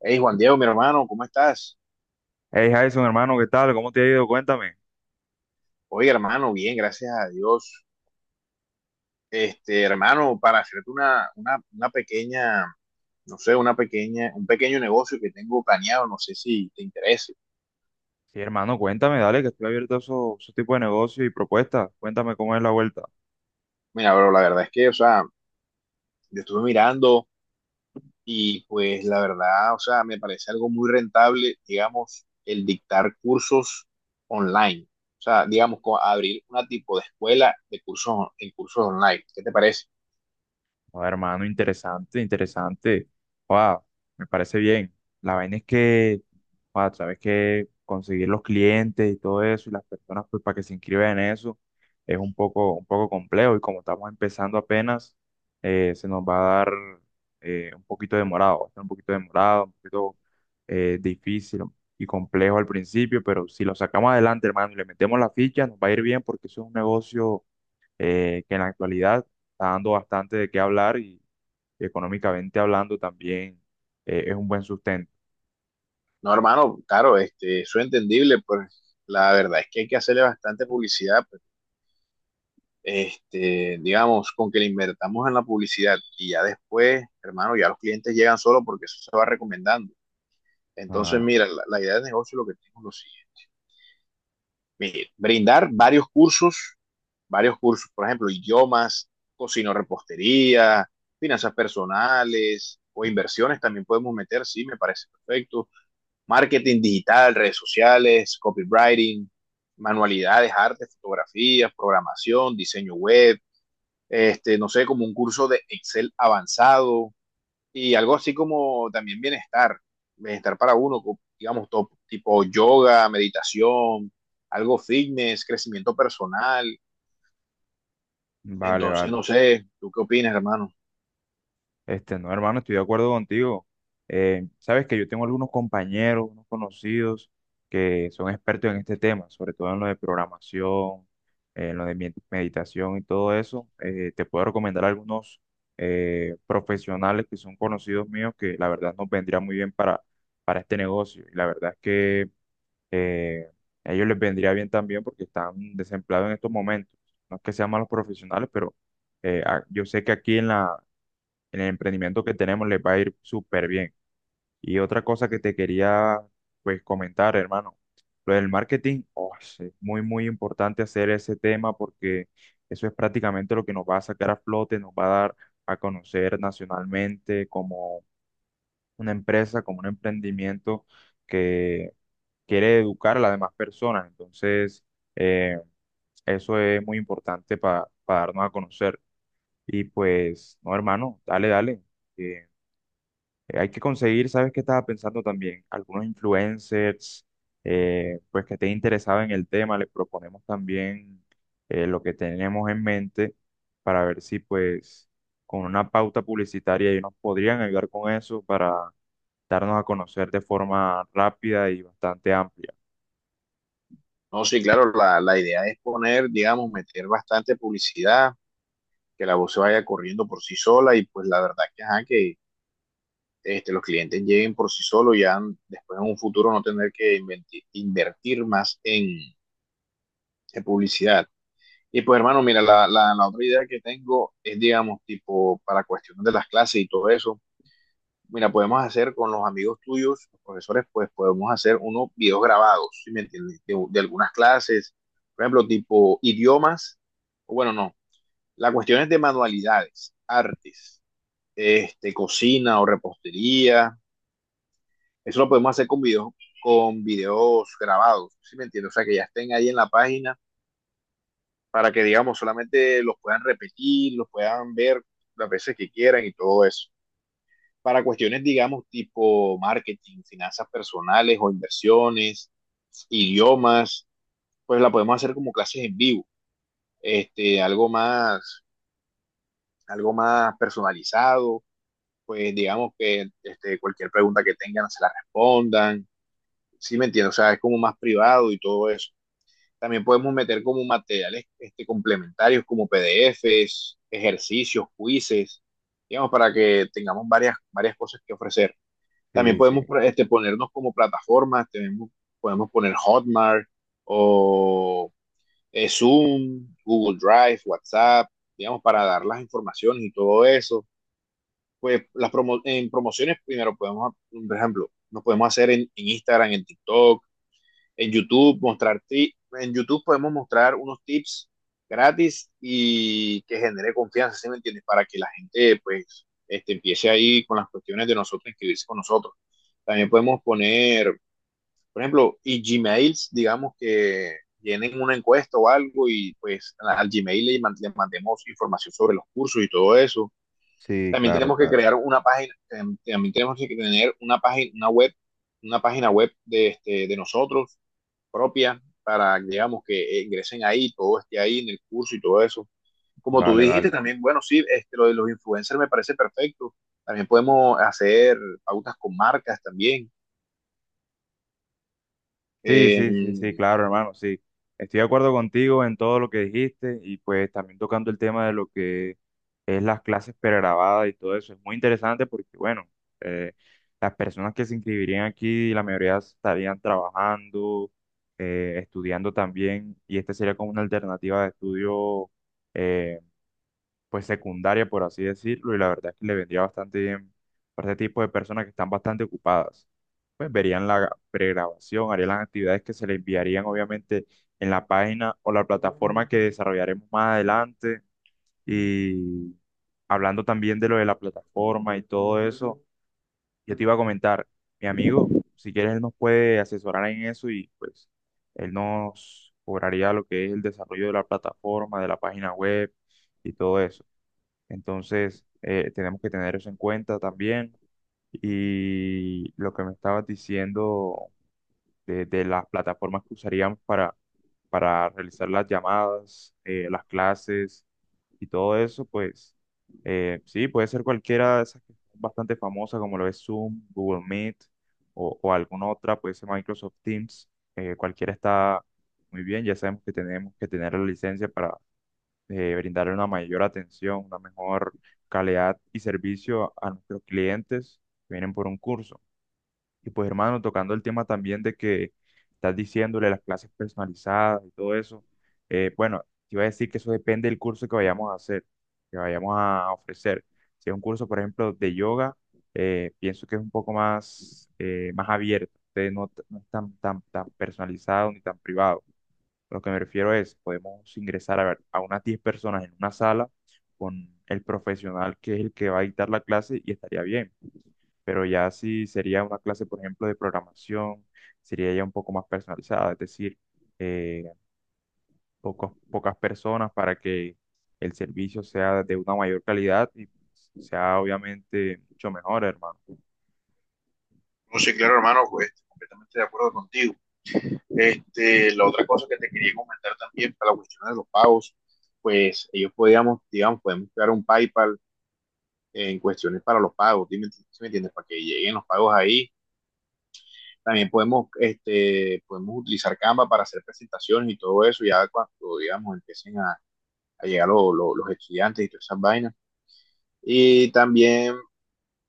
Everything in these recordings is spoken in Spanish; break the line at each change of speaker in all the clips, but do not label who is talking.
Hey, Juan Diego, mi hermano, ¿cómo estás?
Hey Jason, hermano, ¿qué tal? ¿Cómo te ha ido? Cuéntame.
Oye, hermano, bien, gracias a Dios. Este, hermano, para hacerte una pequeña, no sé, una pequeña, un pequeño negocio que tengo planeado, no sé si te interese.
Sí, hermano, cuéntame, dale, que estoy abierto a esos tipos de negocios y propuestas. Cuéntame cómo es la vuelta.
Mira, pero la verdad es que, o sea, yo estuve mirando y pues la verdad, o sea, me parece algo muy rentable, digamos, el dictar cursos online. O sea, digamos, abrir una tipo de escuela de cursos, en cursos online. ¿Qué te parece?
Oh, hermano, interesante, interesante. Wow, me parece bien. La vaina es que, wow, sabes que conseguir los clientes y todo eso y las personas pues para que se inscriban en eso es un poco complejo y como estamos empezando apenas, se nos va a dar un poquito demorado, va a estar un poquito demorado, un poquito difícil y complejo al principio, pero si lo sacamos adelante, hermano, y le metemos la ficha, nos va a ir bien porque eso es un negocio que en la actualidad está dando bastante de qué hablar y económicamente hablando también es un buen sustento.
No, hermano, claro, este, eso es entendible, pues la verdad es que hay que hacerle bastante publicidad, pues, este, digamos, con que le invertamos en la publicidad y ya después, hermano, ya los clientes llegan solo porque eso se va recomendando. Entonces,
Ah,
mira, la idea de negocio lo que tengo es lo siguiente. Mire, brindar varios cursos, por ejemplo, idiomas, cocino repostería, finanzas personales o inversiones también podemos meter, sí, me parece perfecto marketing digital, redes sociales, copywriting, manualidades, artes, fotografías, programación, diseño web, este, no sé, como un curso de Excel avanzado y algo así como también bienestar, bienestar para uno, digamos, tipo yoga, meditación, algo fitness, crecimiento personal.
vale,
Entonces,
vale.
no sé, ¿tú qué opinas, hermano?
No, hermano, estoy de acuerdo contigo. Sabes que yo tengo algunos compañeros, unos conocidos que son expertos en este tema, sobre todo en lo de programación, en lo de meditación y todo eso. Te puedo recomendar algunos profesionales que son conocidos míos que la verdad nos vendría muy bien para este negocio. Y la verdad es que eh, a ellos les vendría bien también porque están desempleados en estos momentos. No es que sean malos profesionales, pero yo sé que aquí en en el emprendimiento que tenemos les va a ir súper bien. Y otra cosa que te quería pues comentar, hermano, lo del marketing, oh, es muy, muy importante hacer ese tema porque eso es prácticamente lo que nos va a sacar a flote, nos va a dar a conocer nacionalmente como una empresa, como un emprendimiento que quiere educar a las demás personas. Entonces, eh, eso es muy importante para darnos a conocer. Y pues, no, hermano, dale, dale. Que, hay que conseguir, ¿sabes qué estaba pensando también? Algunos influencers, pues que estén interesados en el tema, les proponemos también lo que tenemos en mente para ver si pues con una pauta publicitaria ellos nos podrían ayudar con eso para darnos a conocer de forma rápida y bastante amplia.
No, sí, claro, la idea es poner, digamos, meter bastante publicidad, que la voz se vaya corriendo por sí sola y pues la verdad que, ajá, que este, los clientes lleguen por sí solos ya después en un futuro no tener que invertir más en, publicidad. Y pues hermano, mira, la otra idea que tengo es, digamos, tipo para cuestiones de las clases y todo eso, mira, podemos hacer con los amigos tuyos, los profesores, pues podemos hacer unos videos grabados, ¿sí me entiendes? Algunas clases, por ejemplo, tipo idiomas, o bueno, no, la cuestión es de manualidades, artes, este, cocina o repostería. Eso lo podemos hacer con videos grabados, ¿sí me entiendes? O sea, que ya estén ahí en la página para que, digamos, solamente los puedan repetir, los puedan ver las veces que quieran y todo eso. Para cuestiones, digamos, tipo marketing, finanzas personales o inversiones, idiomas, pues la podemos hacer como clases en vivo, este, algo más personalizado, pues digamos que este, cualquier pregunta que tengan se la respondan, ¿sí me entiendes? O sea, es como más privado y todo eso. También podemos meter como materiales este, complementarios como PDFs, ejercicios, quizzes, digamos, para que tengamos varias, varias cosas que ofrecer. También
Sí,
podemos
sí.
este, ponernos como plataformas, tenemos, podemos poner Hotmart o Zoom, Google Drive, WhatsApp, digamos, para dar las informaciones y todo eso. Pues las promociones primero podemos, por ejemplo, nos podemos hacer en Instagram, en TikTok, en YouTube, mostrar ti en YouTube podemos mostrar unos tips gratis y que genere confianza, ¿sí me entiendes? Para que la gente pues este, empiece ahí con las cuestiones de nosotros, inscribirse con nosotros. También podemos poner, por ejemplo, y Gmails, digamos que llenen una encuesta o algo y pues al Gmail le mandemos información sobre los cursos y todo eso.
Sí,
También
claro,
tenemos que
claro.
crear una página, em, también tenemos que tener una página, una web, una página web de, este, de nosotros propia para, digamos, que ingresen ahí, todo esté ahí en el curso y todo eso. Como tú
Vale,
dijiste
vale.
también, bueno, sí, este, lo de los influencers me parece perfecto. También podemos hacer pautas con marcas también.
Sí, sí, sí, sí,
Eh,
claro, hermano, sí. Estoy de acuerdo contigo en todo lo que dijiste y pues también tocando el tema de lo que es las clases pregrabadas y todo eso. Es muy interesante porque, bueno, eh, las personas que se inscribirían aquí, la mayoría estarían trabajando, estudiando también y esta sería como una alternativa de estudio eh, pues secundaria, por así decirlo, y la verdad es que le vendría bastante bien para este tipo de personas que están bastante ocupadas. Pues verían la pregrabación, harían las actividades que se le enviarían obviamente en la página o la plataforma que desarrollaremos más adelante. Y hablando también de lo de la plataforma y todo eso, yo te iba a comentar, mi amigo, si quieres, él nos puede asesorar en eso y pues él nos cobraría lo que es el desarrollo de la plataforma, de la página web y todo eso. Entonces, tenemos que tener eso en cuenta también. Y lo que me estabas diciendo de las plataformas que usaríamos para realizar las llamadas, las clases y todo eso, pues sí, puede ser cualquiera de esas que son bastante famosas, como lo es Zoom, Google Meet o alguna otra, puede ser Microsoft Teams. Cualquiera está muy bien, ya sabemos que tenemos que tener la licencia, brindar una mayor atención, una mejor calidad y servicio a nuestros clientes que vienen por un curso. Y pues hermano, tocando el tema también de que estás diciéndole las clases personalizadas y todo eso, bueno, te iba a decir que eso depende del curso que vayamos a hacer, que vayamos a ofrecer. Si es un curso, por ejemplo, de yoga, pienso que es un poco más, más abierto, entonces no, no es tan, tan, tan personalizado ni tan privado. Lo que me refiero es, podemos ingresar a, ver, a unas 10 personas en una sala con el profesional que es el que va a dictar la clase y estaría bien. Pero ya si sería una clase, por ejemplo, de programación, sería ya un poco más personalizada, es decir, eh, pocas personas para que el servicio sea de una mayor calidad y sea obviamente mucho mejor, hermano.
no sé, claro, hermano, pues completamente de acuerdo contigo. Este, la otra cosa que te quería comentar también para la cuestión de los pagos, pues ellos podíamos, digamos, podemos crear un PayPal en cuestiones para los pagos, ¿sí me entiendes? Para que lleguen los pagos ahí. También podemos, este, podemos utilizar Canva para hacer presentaciones y todo eso, ya cuando, digamos, empiecen a llegar los estudiantes y todas esas vainas. Y también,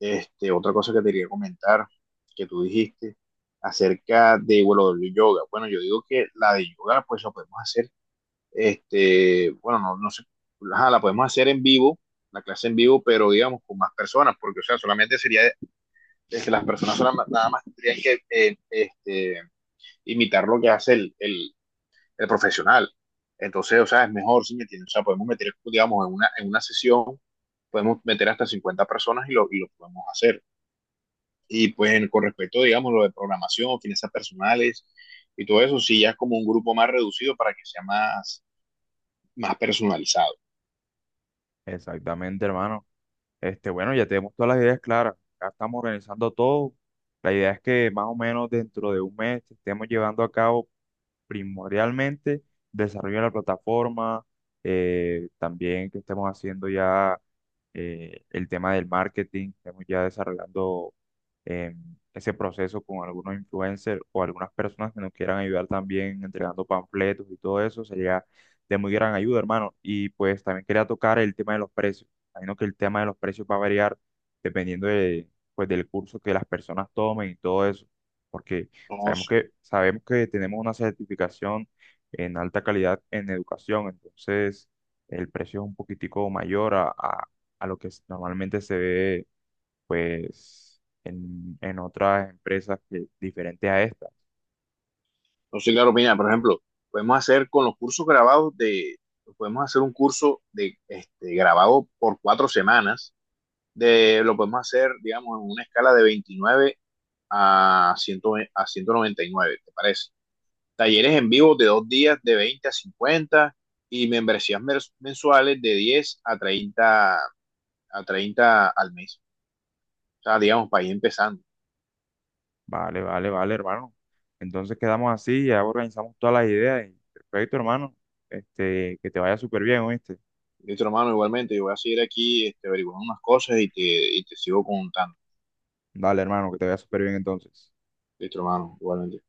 este, otra cosa que te quería comentar, que tú dijiste acerca de, bueno, del yoga. Bueno, yo digo que la de yoga, pues la podemos hacer, este, bueno, no, no sé, ajá, la podemos hacer en vivo, la clase en vivo, pero digamos con más personas, porque, o sea, solamente sería, este, las personas nada más tendrían que, este, imitar lo que hace el profesional. Entonces, o sea, es mejor si me entiendes. O sea, podemos meter, digamos, en una sesión, podemos meter hasta 50 personas y y lo podemos hacer. Y pues con respecto, digamos, lo de programación, finanzas personales y todo eso, sí, ya es como un grupo más reducido para que sea más, más personalizado.
Exactamente, hermano. Este, bueno, ya tenemos todas las ideas claras. Ya estamos organizando todo. La idea es que más o menos dentro de un mes estemos llevando a cabo primordialmente desarrollo de la plataforma, también que estemos haciendo ya el tema del marketing, estemos ya desarrollando eh, ese proceso con algunos influencers o algunas personas que nos quieran ayudar también entregando panfletos y todo eso, sería de muy gran ayuda, hermano. Y pues también quería tocar el tema de los precios. Imagino que el tema de los precios va a variar dependiendo de, pues, del curso que las personas tomen y todo eso, porque
No,
sabemos que, sabemos que tenemos una certificación en alta calidad en educación, entonces el precio es un poquitico mayor a lo que normalmente se ve pues en otras empresas que, diferentes a estas.
no sé, claro, opinión, por ejemplo, podemos hacer con los cursos grabados de, podemos hacer un curso de, este, grabado por 4 semanas de, lo podemos hacer, digamos, en una escala de 29 a, 100 a 199, ¿te parece? Talleres en vivo de 2 días, de 20 a 50 y membresías mensuales de 10 a 30 a 30 al mes. O sea, digamos, para ir empezando.
Vale, vale, vale, hermano. Entonces quedamos así, ya organizamos todas las ideas y perfecto, hermano. Este, que te vaya súper bien, ¿oíste?
Listo, hermano, igualmente, yo voy a seguir aquí este, averiguando unas cosas y te sigo contando.
Dale, hermano, que te vaya súper bien entonces.
Listo, hermano, igualmente.